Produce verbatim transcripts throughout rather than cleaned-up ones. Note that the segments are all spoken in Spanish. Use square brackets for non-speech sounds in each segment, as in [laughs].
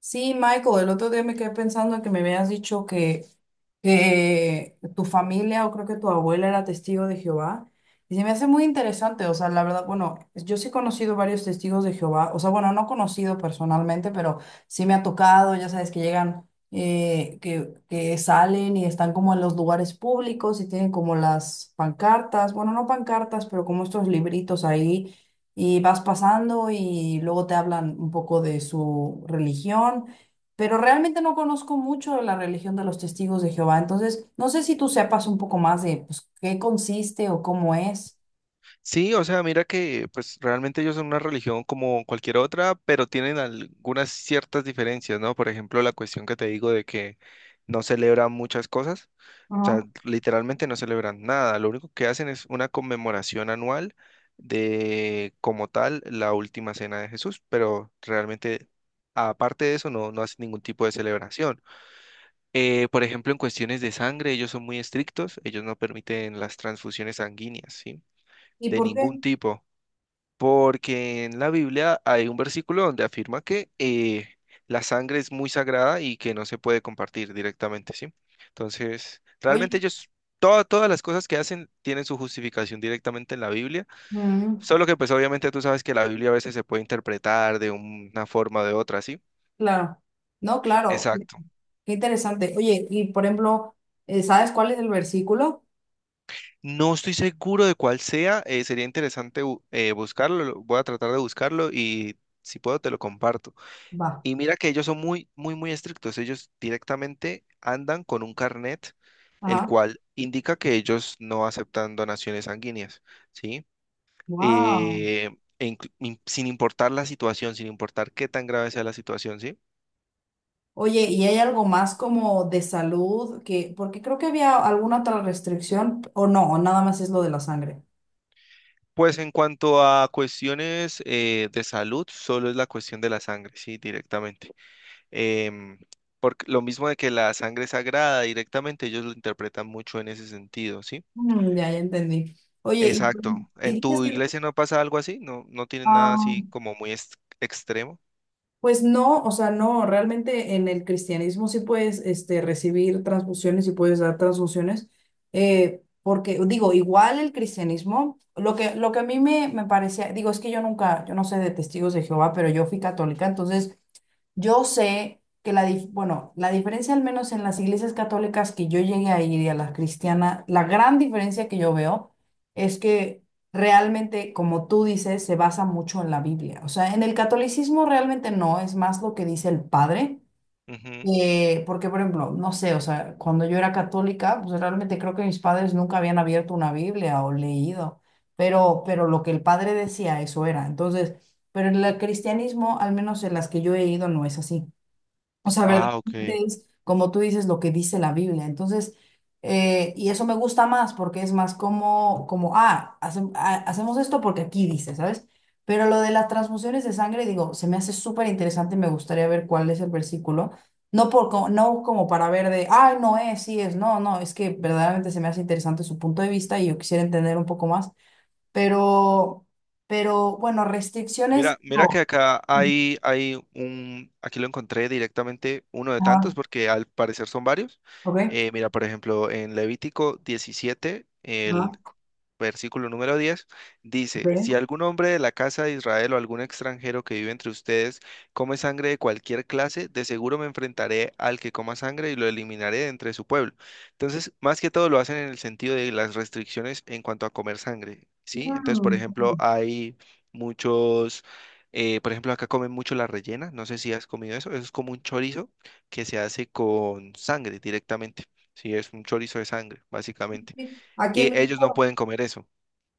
Sí, Michael, el otro día me quedé pensando en que me habías dicho que, que tu familia o creo que tu abuela era testigo de Jehová. Y se me hace muy interesante, o sea, la verdad, bueno, yo sí he conocido varios testigos de Jehová, o sea, bueno, no conocido personalmente, pero sí me ha tocado, ya sabes, que llegan, eh, que, que salen y están como en los lugares públicos y tienen como las pancartas, bueno, no pancartas, pero como estos libritos ahí y vas pasando y luego te hablan un poco de su religión, pero realmente no conozco mucho de la religión de los testigos de Jehová, entonces no sé si tú sepas un poco más de pues, qué consiste o cómo es. Sí, o sea, mira que pues realmente ellos son una religión como cualquier otra, pero tienen algunas ciertas diferencias, ¿no? Por ejemplo, la cuestión que te digo de que no celebran muchas cosas, o sea, Ajá. literalmente no celebran nada, lo único que hacen es una conmemoración anual de como tal la última cena de Jesús, pero realmente aparte de eso no, no hacen ningún tipo de celebración. Eh, por ejemplo, en cuestiones de sangre, ellos son muy estrictos, ellos no permiten las transfusiones sanguíneas, ¿sí? ¿Y De por qué? ningún tipo porque en la Biblia hay un versículo donde afirma que eh, la sangre es muy sagrada y que no se puede compartir directamente, ¿sí? Entonces, realmente Oye, ellos, toda- todas las cosas que hacen tienen su justificación directamente en la Biblia, mm, solo que pues obviamente tú sabes que la Biblia a veces se puede interpretar de una forma o de otra, ¿sí? claro, no, claro, Exacto. qué interesante. Oye, y por ejemplo, eh, ¿sabes cuál es el versículo? No estoy seguro de cuál sea, eh, sería interesante bu- eh, buscarlo, lo- voy a tratar de buscarlo y si puedo te lo comparto. Va, Y mira que ellos son muy, muy, muy estrictos. Ellos directamente andan con un carnet, el ajá, cual indica que ellos no aceptan donaciones sanguíneas, ¿sí? wow. Eh, e inclu- in- Sin importar la situación, sin importar qué tan grave sea la situación, ¿sí? Oye, ¿y hay algo más como de salud que, porque creo que había alguna otra restricción, o no, o nada más es lo de la sangre? Pues en cuanto a cuestiones eh, de salud, solo es la cuestión de la sangre, ¿sí? Directamente. Em, por lo mismo de que la sangre es sagrada, directamente ellos lo interpretan mucho en ese sentido, ¿sí? Mm, ya, ya entendí. Oye, y, Exacto. y ¿En dices tu que, iglesia no pasa algo así? ¿No, no tienen nada ah, así como muy ex- extremo? pues no, o sea, no, realmente en el cristianismo sí puedes, este, recibir transfusiones y puedes dar transfusiones, eh, porque digo, igual el cristianismo, lo que, lo que, a mí me, me parecía, digo, es que yo nunca, yo no sé de testigos de Jehová, pero yo fui católica, entonces... Yo sé que la, dif- bueno, la diferencia al menos en las iglesias católicas que yo llegué a ir y a las cristianas, la gran diferencia que yo veo es que realmente, como tú dices, se basa mucho en la Biblia. O sea, en el catolicismo realmente no, es más lo que dice el padre. Ujú. eh, porque, por ejemplo, no sé, o sea, cuando yo era católica, pues realmente creo que mis padres nunca habían abierto una Biblia o leído, pero, pero, lo que el padre decía, eso era. Entonces, pero en el cristianismo, al menos en las que yo he ido, no es así. O sea, Ah, ok. verdaderamente es, como tú dices, lo que dice la Biblia. Entonces, eh, y eso me gusta más porque es más como, como ah, hace- ah, hacemos esto porque aquí dice, ¿sabes? Pero lo de las transfusiones de sangre, digo, se me hace súper interesante y me gustaría ver cuál es el versículo. No, por, co- no como para ver de, ay, no es, sí es, no, no, es que verdaderamente se me hace interesante su punto de vista y yo quisiera entender un poco más. Pero, pero bueno, Mira, restricciones, mira que no. acá hay, hay un, aquí lo encontré directamente uno de Ajá, tantos porque al parecer son varios. ok, Eh, mira, por ejemplo, en Levítico diecisiete el ajá, versículo número diez dice, si ok. algún hombre de la casa de Israel o algún extranjero que vive entre ustedes come sangre de cualquier clase, de seguro me enfrentaré al que coma sangre y lo eliminaré de entre su pueblo. Entonces, más que todo lo hacen en el sentido de las restricciones en cuanto a comer sangre, ¿sí? Entonces, por Mm. ejemplo, hay muchos... eh, por ejemplo, acá comen mucho la rellena, no sé si has comido eso, eso es como un chorizo que se hace con sangre directamente, sí, es un chorizo de sangre, básicamente. Sí. Aquí en Y ellos no México, pueden comer eso.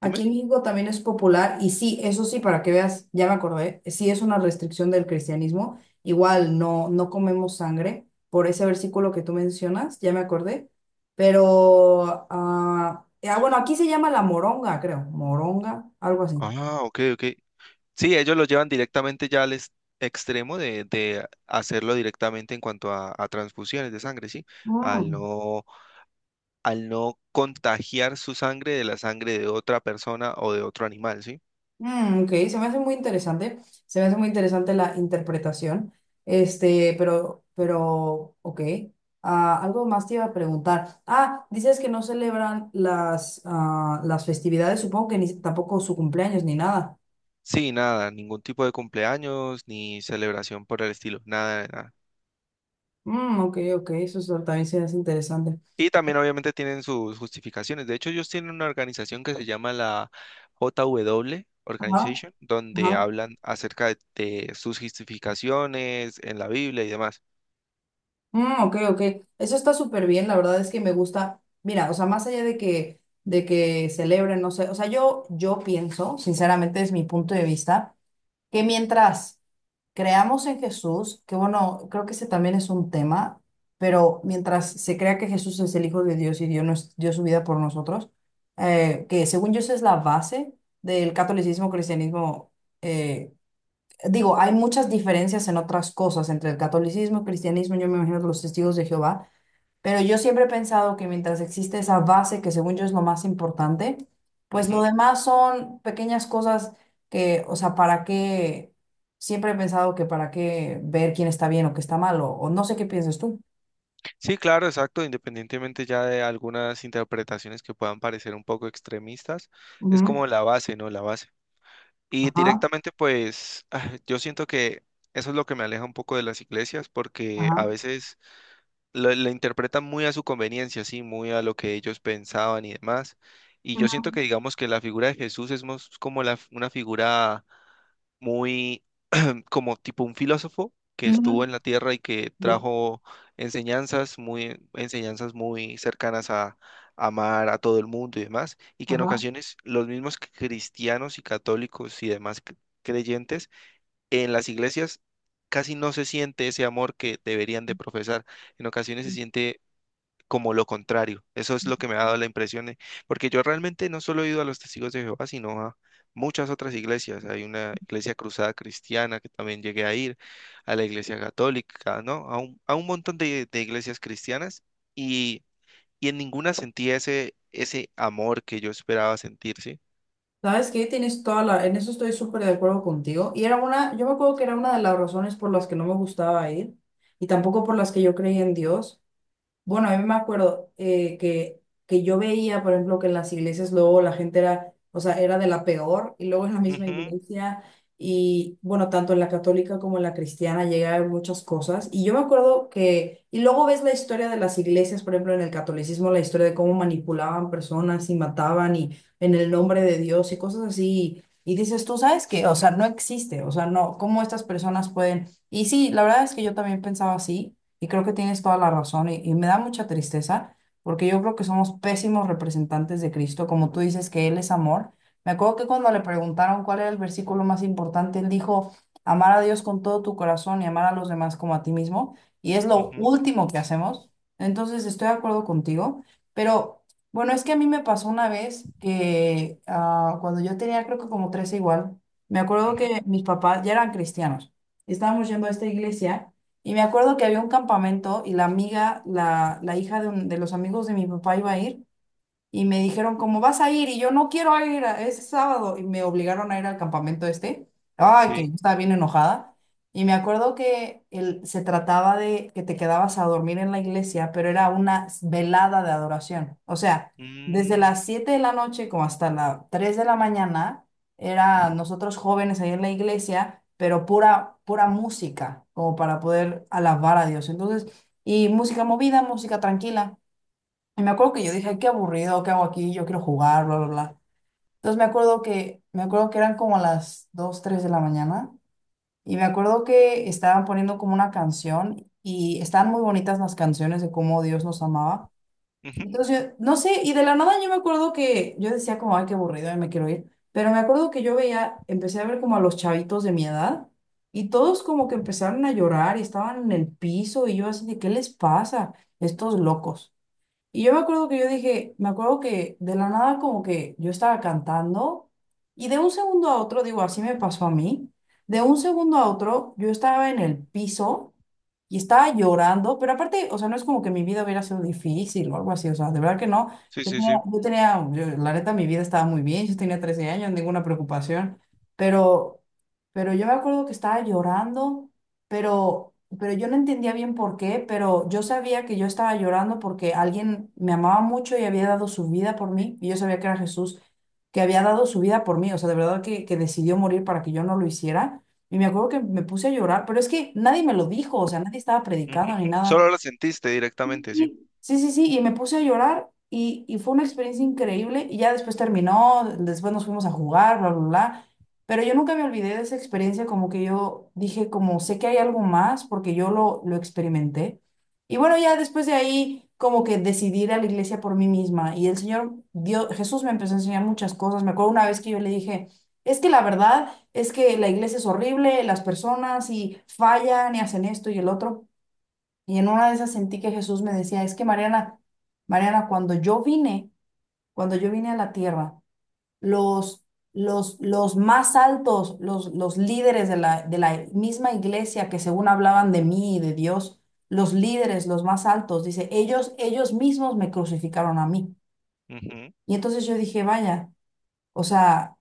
aquí Dime. en México también es popular y sí, eso sí, para que veas, ya me acordé, sí es una restricción del cristianismo, igual no, no comemos sangre por ese versículo que tú mencionas, ya me acordé, pero, ah, eh, ah, bueno, aquí se llama la moronga, creo, moronga, algo así. Ah, ok, ok. Sí, ellos lo llevan directamente ya al ex- extremo de, de hacerlo directamente en cuanto a, a transfusiones de sangre, ¿sí? Al Mm. no, al no contagiar su sangre de la sangre de otra persona o de otro animal, ¿sí? Mm, ok, se me hace muy interesante, se me hace muy interesante la interpretación, este, pero, pero, ok, Ah, algo más te iba a preguntar. Ah, dices que no celebran las, ah, las festividades, supongo que ni, tampoco su cumpleaños ni nada. Sí, nada, ningún tipo de cumpleaños ni celebración por el estilo, nada, nada. Mm, ok, ok, eso es- también se hace interesante. Y también obviamente tienen sus justificaciones. De hecho, ellos tienen una organización que se llama la J W Ajá, Organization, donde ajá. hablan acerca de, de sus justificaciones en la Biblia y demás. Mm, ok, ok, eso está súper bien, la verdad es que me gusta, mira, o sea, más allá de que, de que, celebren, no sé, o sea, yo, yo pienso, sinceramente es mi punto de vista que mientras creamos en Jesús, que bueno, creo que ese también es un tema, pero mientras se crea que Jesús es el Hijo de Dios y Dios nos dio su vida por nosotros, eh, que según yo esa es la base del catolicismo, cristianismo, eh, digo, hay muchas diferencias en otras cosas entre el catolicismo, cristianismo, yo me imagino los testigos de Jehová, pero yo siempre he pensado que mientras existe esa base, que según yo es lo más importante, pues lo Ujú. demás son pequeñas cosas que, o sea, ¿para qué? Siempre he pensado que para qué ver quién está bien o qué está mal, o, o no sé qué piensas tú. Sí, claro, exacto. Independientemente ya de algunas interpretaciones que puedan parecer un poco extremistas, es Ujú. como la base, ¿no? La base. Y Ajá, directamente, pues, [sighs] ah, yo siento que eso es lo que me aleja un poco de las iglesias, porque a ajá. veces la, la interpretan muy a su conveniencia, sí, muy a lo que ellos pensaban y demás. Y yo siento Ujú. que digamos que la figura de Jesús es más como la, una figura muy mm, como tipo un filósofo que estuvo Ujú. en la tierra y que Sí, trajo enseñanzas muy, enseñanzas muy cercanas a amar a todo el mundo y demás, y que en Ajá. ocasiones los mismos cristianos y católicos y demás cre- creyentes en las iglesias casi no se siente ese amor que deberían de profesar. En ocasiones se siente como lo contrario. Eso es lo que me ha dado la impresión, eh, porque yo realmente no solo he ido a los Testigos de Jehová, sino a muchas otras iglesias. Hay una iglesia cruzada cristiana que también llegué a ir, a la iglesia católica, ¿no? A un, a un montón de, de iglesias cristianas y, y en ninguna sentía ese, ese amor que yo esperaba sentir, ¿sí? ¿Sabes qué? Tienes toda la... En eso estoy súper de acuerdo contigo. Y era una... Yo me acuerdo que era una de las razones por las que no me gustaba ir y tampoco por las que yo creía en Dios. Bueno, a mí me acuerdo eh, que, que yo veía, por ejemplo, que en las iglesias luego la gente era, o sea, era de la peor, y luego en la misma Ujú, iglesia, y bueno, tanto en la católica como en la cristiana llega a haber muchas cosas, y yo me acuerdo que, y luego ves la historia de las iglesias, por ejemplo, en el catolicismo, la historia de cómo manipulaban personas y mataban, y en el nombre de Dios, y cosas así, y dices, tú sabes que, o sea, no existe, o sea, no, cómo estas personas pueden, y sí, la verdad es que yo también pensaba así. Y creo que tienes toda la razón y, y me da mucha tristeza porque yo creo que somos pésimos representantes de Cristo, como tú dices que Él es amor. Me acuerdo que cuando le preguntaron cuál era el versículo más importante, Él dijo, amar a Dios con todo tu corazón y amar a los demás como a ti mismo. Y es lo ujú, último que hacemos. Entonces estoy de acuerdo contigo, pero bueno, es que a mí me pasó una vez que ah, cuando yo tenía creo que como trece igual, me acuerdo ujú, que mis papás ya eran cristianos. Estábamos yendo a esta iglesia. Y me acuerdo que había un campamento y la amiga, la, la hija de, un- de los amigos de mi papá iba a ir y me dijeron, ¿cómo vas a ir? Y yo no quiero ir, a- es sábado. Y me obligaron a ir al campamento este. Ay, que sí. yo estaba bien enojada. Y me acuerdo que el, se trataba de que te quedabas a dormir en la iglesia, pero era una velada de adoración. O sea, desde Mm, las siete de la noche como hasta las tres de la mañana, era nosotros jóvenes ahí en la iglesia, pero pura, pura música, como para poder alabar a Dios. Entonces, y música movida, música tranquila. Y me acuerdo que yo dije, "Ay, qué aburrido, ¿qué hago aquí? Yo quiero jugar, bla, bla, bla. Entonces me acuerdo que, me acuerdo que eran como las dos tres de la mañana y me acuerdo que estaban poniendo como una canción y estaban muy bonitas las canciones de cómo Dios nos amaba. ujú, Entonces yo, no sé, y de la nada yo me acuerdo que yo decía como, ay, qué aburrido, y me quiero ir. Pero me acuerdo que yo veía, empecé a ver como a los chavitos de mi edad y todos como que empezaron a llorar y estaban en el piso y yo así de, ¿qué les pasa? Estos locos. Y yo me acuerdo que yo dije, me acuerdo que de la nada como que yo estaba cantando y de un segundo a otro, digo, así me pasó a mí, de un segundo a otro yo estaba en el piso y estaba llorando, pero aparte, o sea, no es como que mi vida hubiera sido difícil o algo así, o sea, de verdad que no. sí, Yo sí, tenía, sí, yo tenía- yo- La neta, mi vida estaba muy bien, yo tenía trece años, ninguna preocupación, pero, pero yo me acuerdo que estaba llorando pero, pero yo no entendía bien por qué, pero yo sabía que yo estaba llorando porque alguien me amaba mucho y había dado su vida por mí, y yo sabía que era Jesús, que había dado su vida por mí, o sea, de verdad que, que decidió morir para que yo no lo hiciera, y me acuerdo que me puse a llorar, pero es que nadie me lo dijo, o sea, nadie estaba predicando ujú. ni [laughs] nada, Solo lo sentiste directamente, sí. Sí, sí, sí, sí, y me puse a llorar y, y fue una experiencia increíble y ya después terminó, después nos fuimos a jugar, bla, bla, bla, pero yo nunca me olvidé de esa experiencia, como que yo dije, como sé que hay algo más porque yo lo, lo experimenté. Y bueno, ya después de ahí, como que decidí ir a la iglesia por mí misma y el Señor, Dios, Jesús me empezó a enseñar muchas cosas. Me acuerdo una vez que yo le dije, es que la verdad es que la iglesia es horrible, las personas y fallan y hacen esto y el otro. Y en una de esas sentí que Jesús me decía, es que Mariana, Mariana, cuando yo vine, cuando yo vine a la tierra, los, los, los más altos, los, los líderes de la, de la misma iglesia que según hablaban de mí y de Dios, los líderes, los más altos, dice, ellos, ellos mismos me crucificaron a mí. Ujú. Y entonces yo dije, vaya, o sea,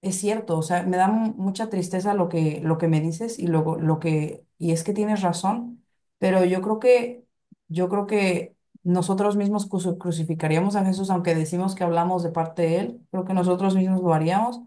es cierto, o sea, me da mu- mucha tristeza lo que, lo que, me dices y luego lo que, y es que tienes razón, pero yo creo que, yo creo que nosotros mismos cruci- crucificaríamos a Jesús, aunque decimos que hablamos de parte de él, creo que nosotros mismos lo haríamos.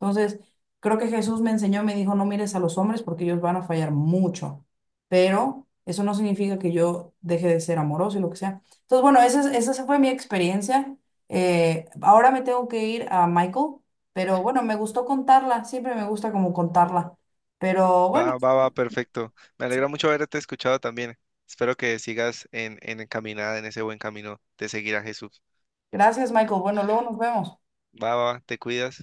Entonces, creo que Jesús me enseñó, me dijo, no mires a los hombres porque ellos van a fallar mucho, pero eso no significa que yo deje de ser amoroso y lo que sea. Entonces, bueno, esa, es- esa fue mi experiencia. Eh, ahora me tengo que ir a Michael. Pero bueno, me gustó contarla, siempre me gusta como contarla. Pero bueno, Va, va, va, perfecto. Me alegra mucho haberte escuchado también. Espero que sigas en, en encaminada, en ese buen camino de seguir a Jesús. gracias, Michael. Bueno, luego nos vemos. Va, va, va, te cuidas.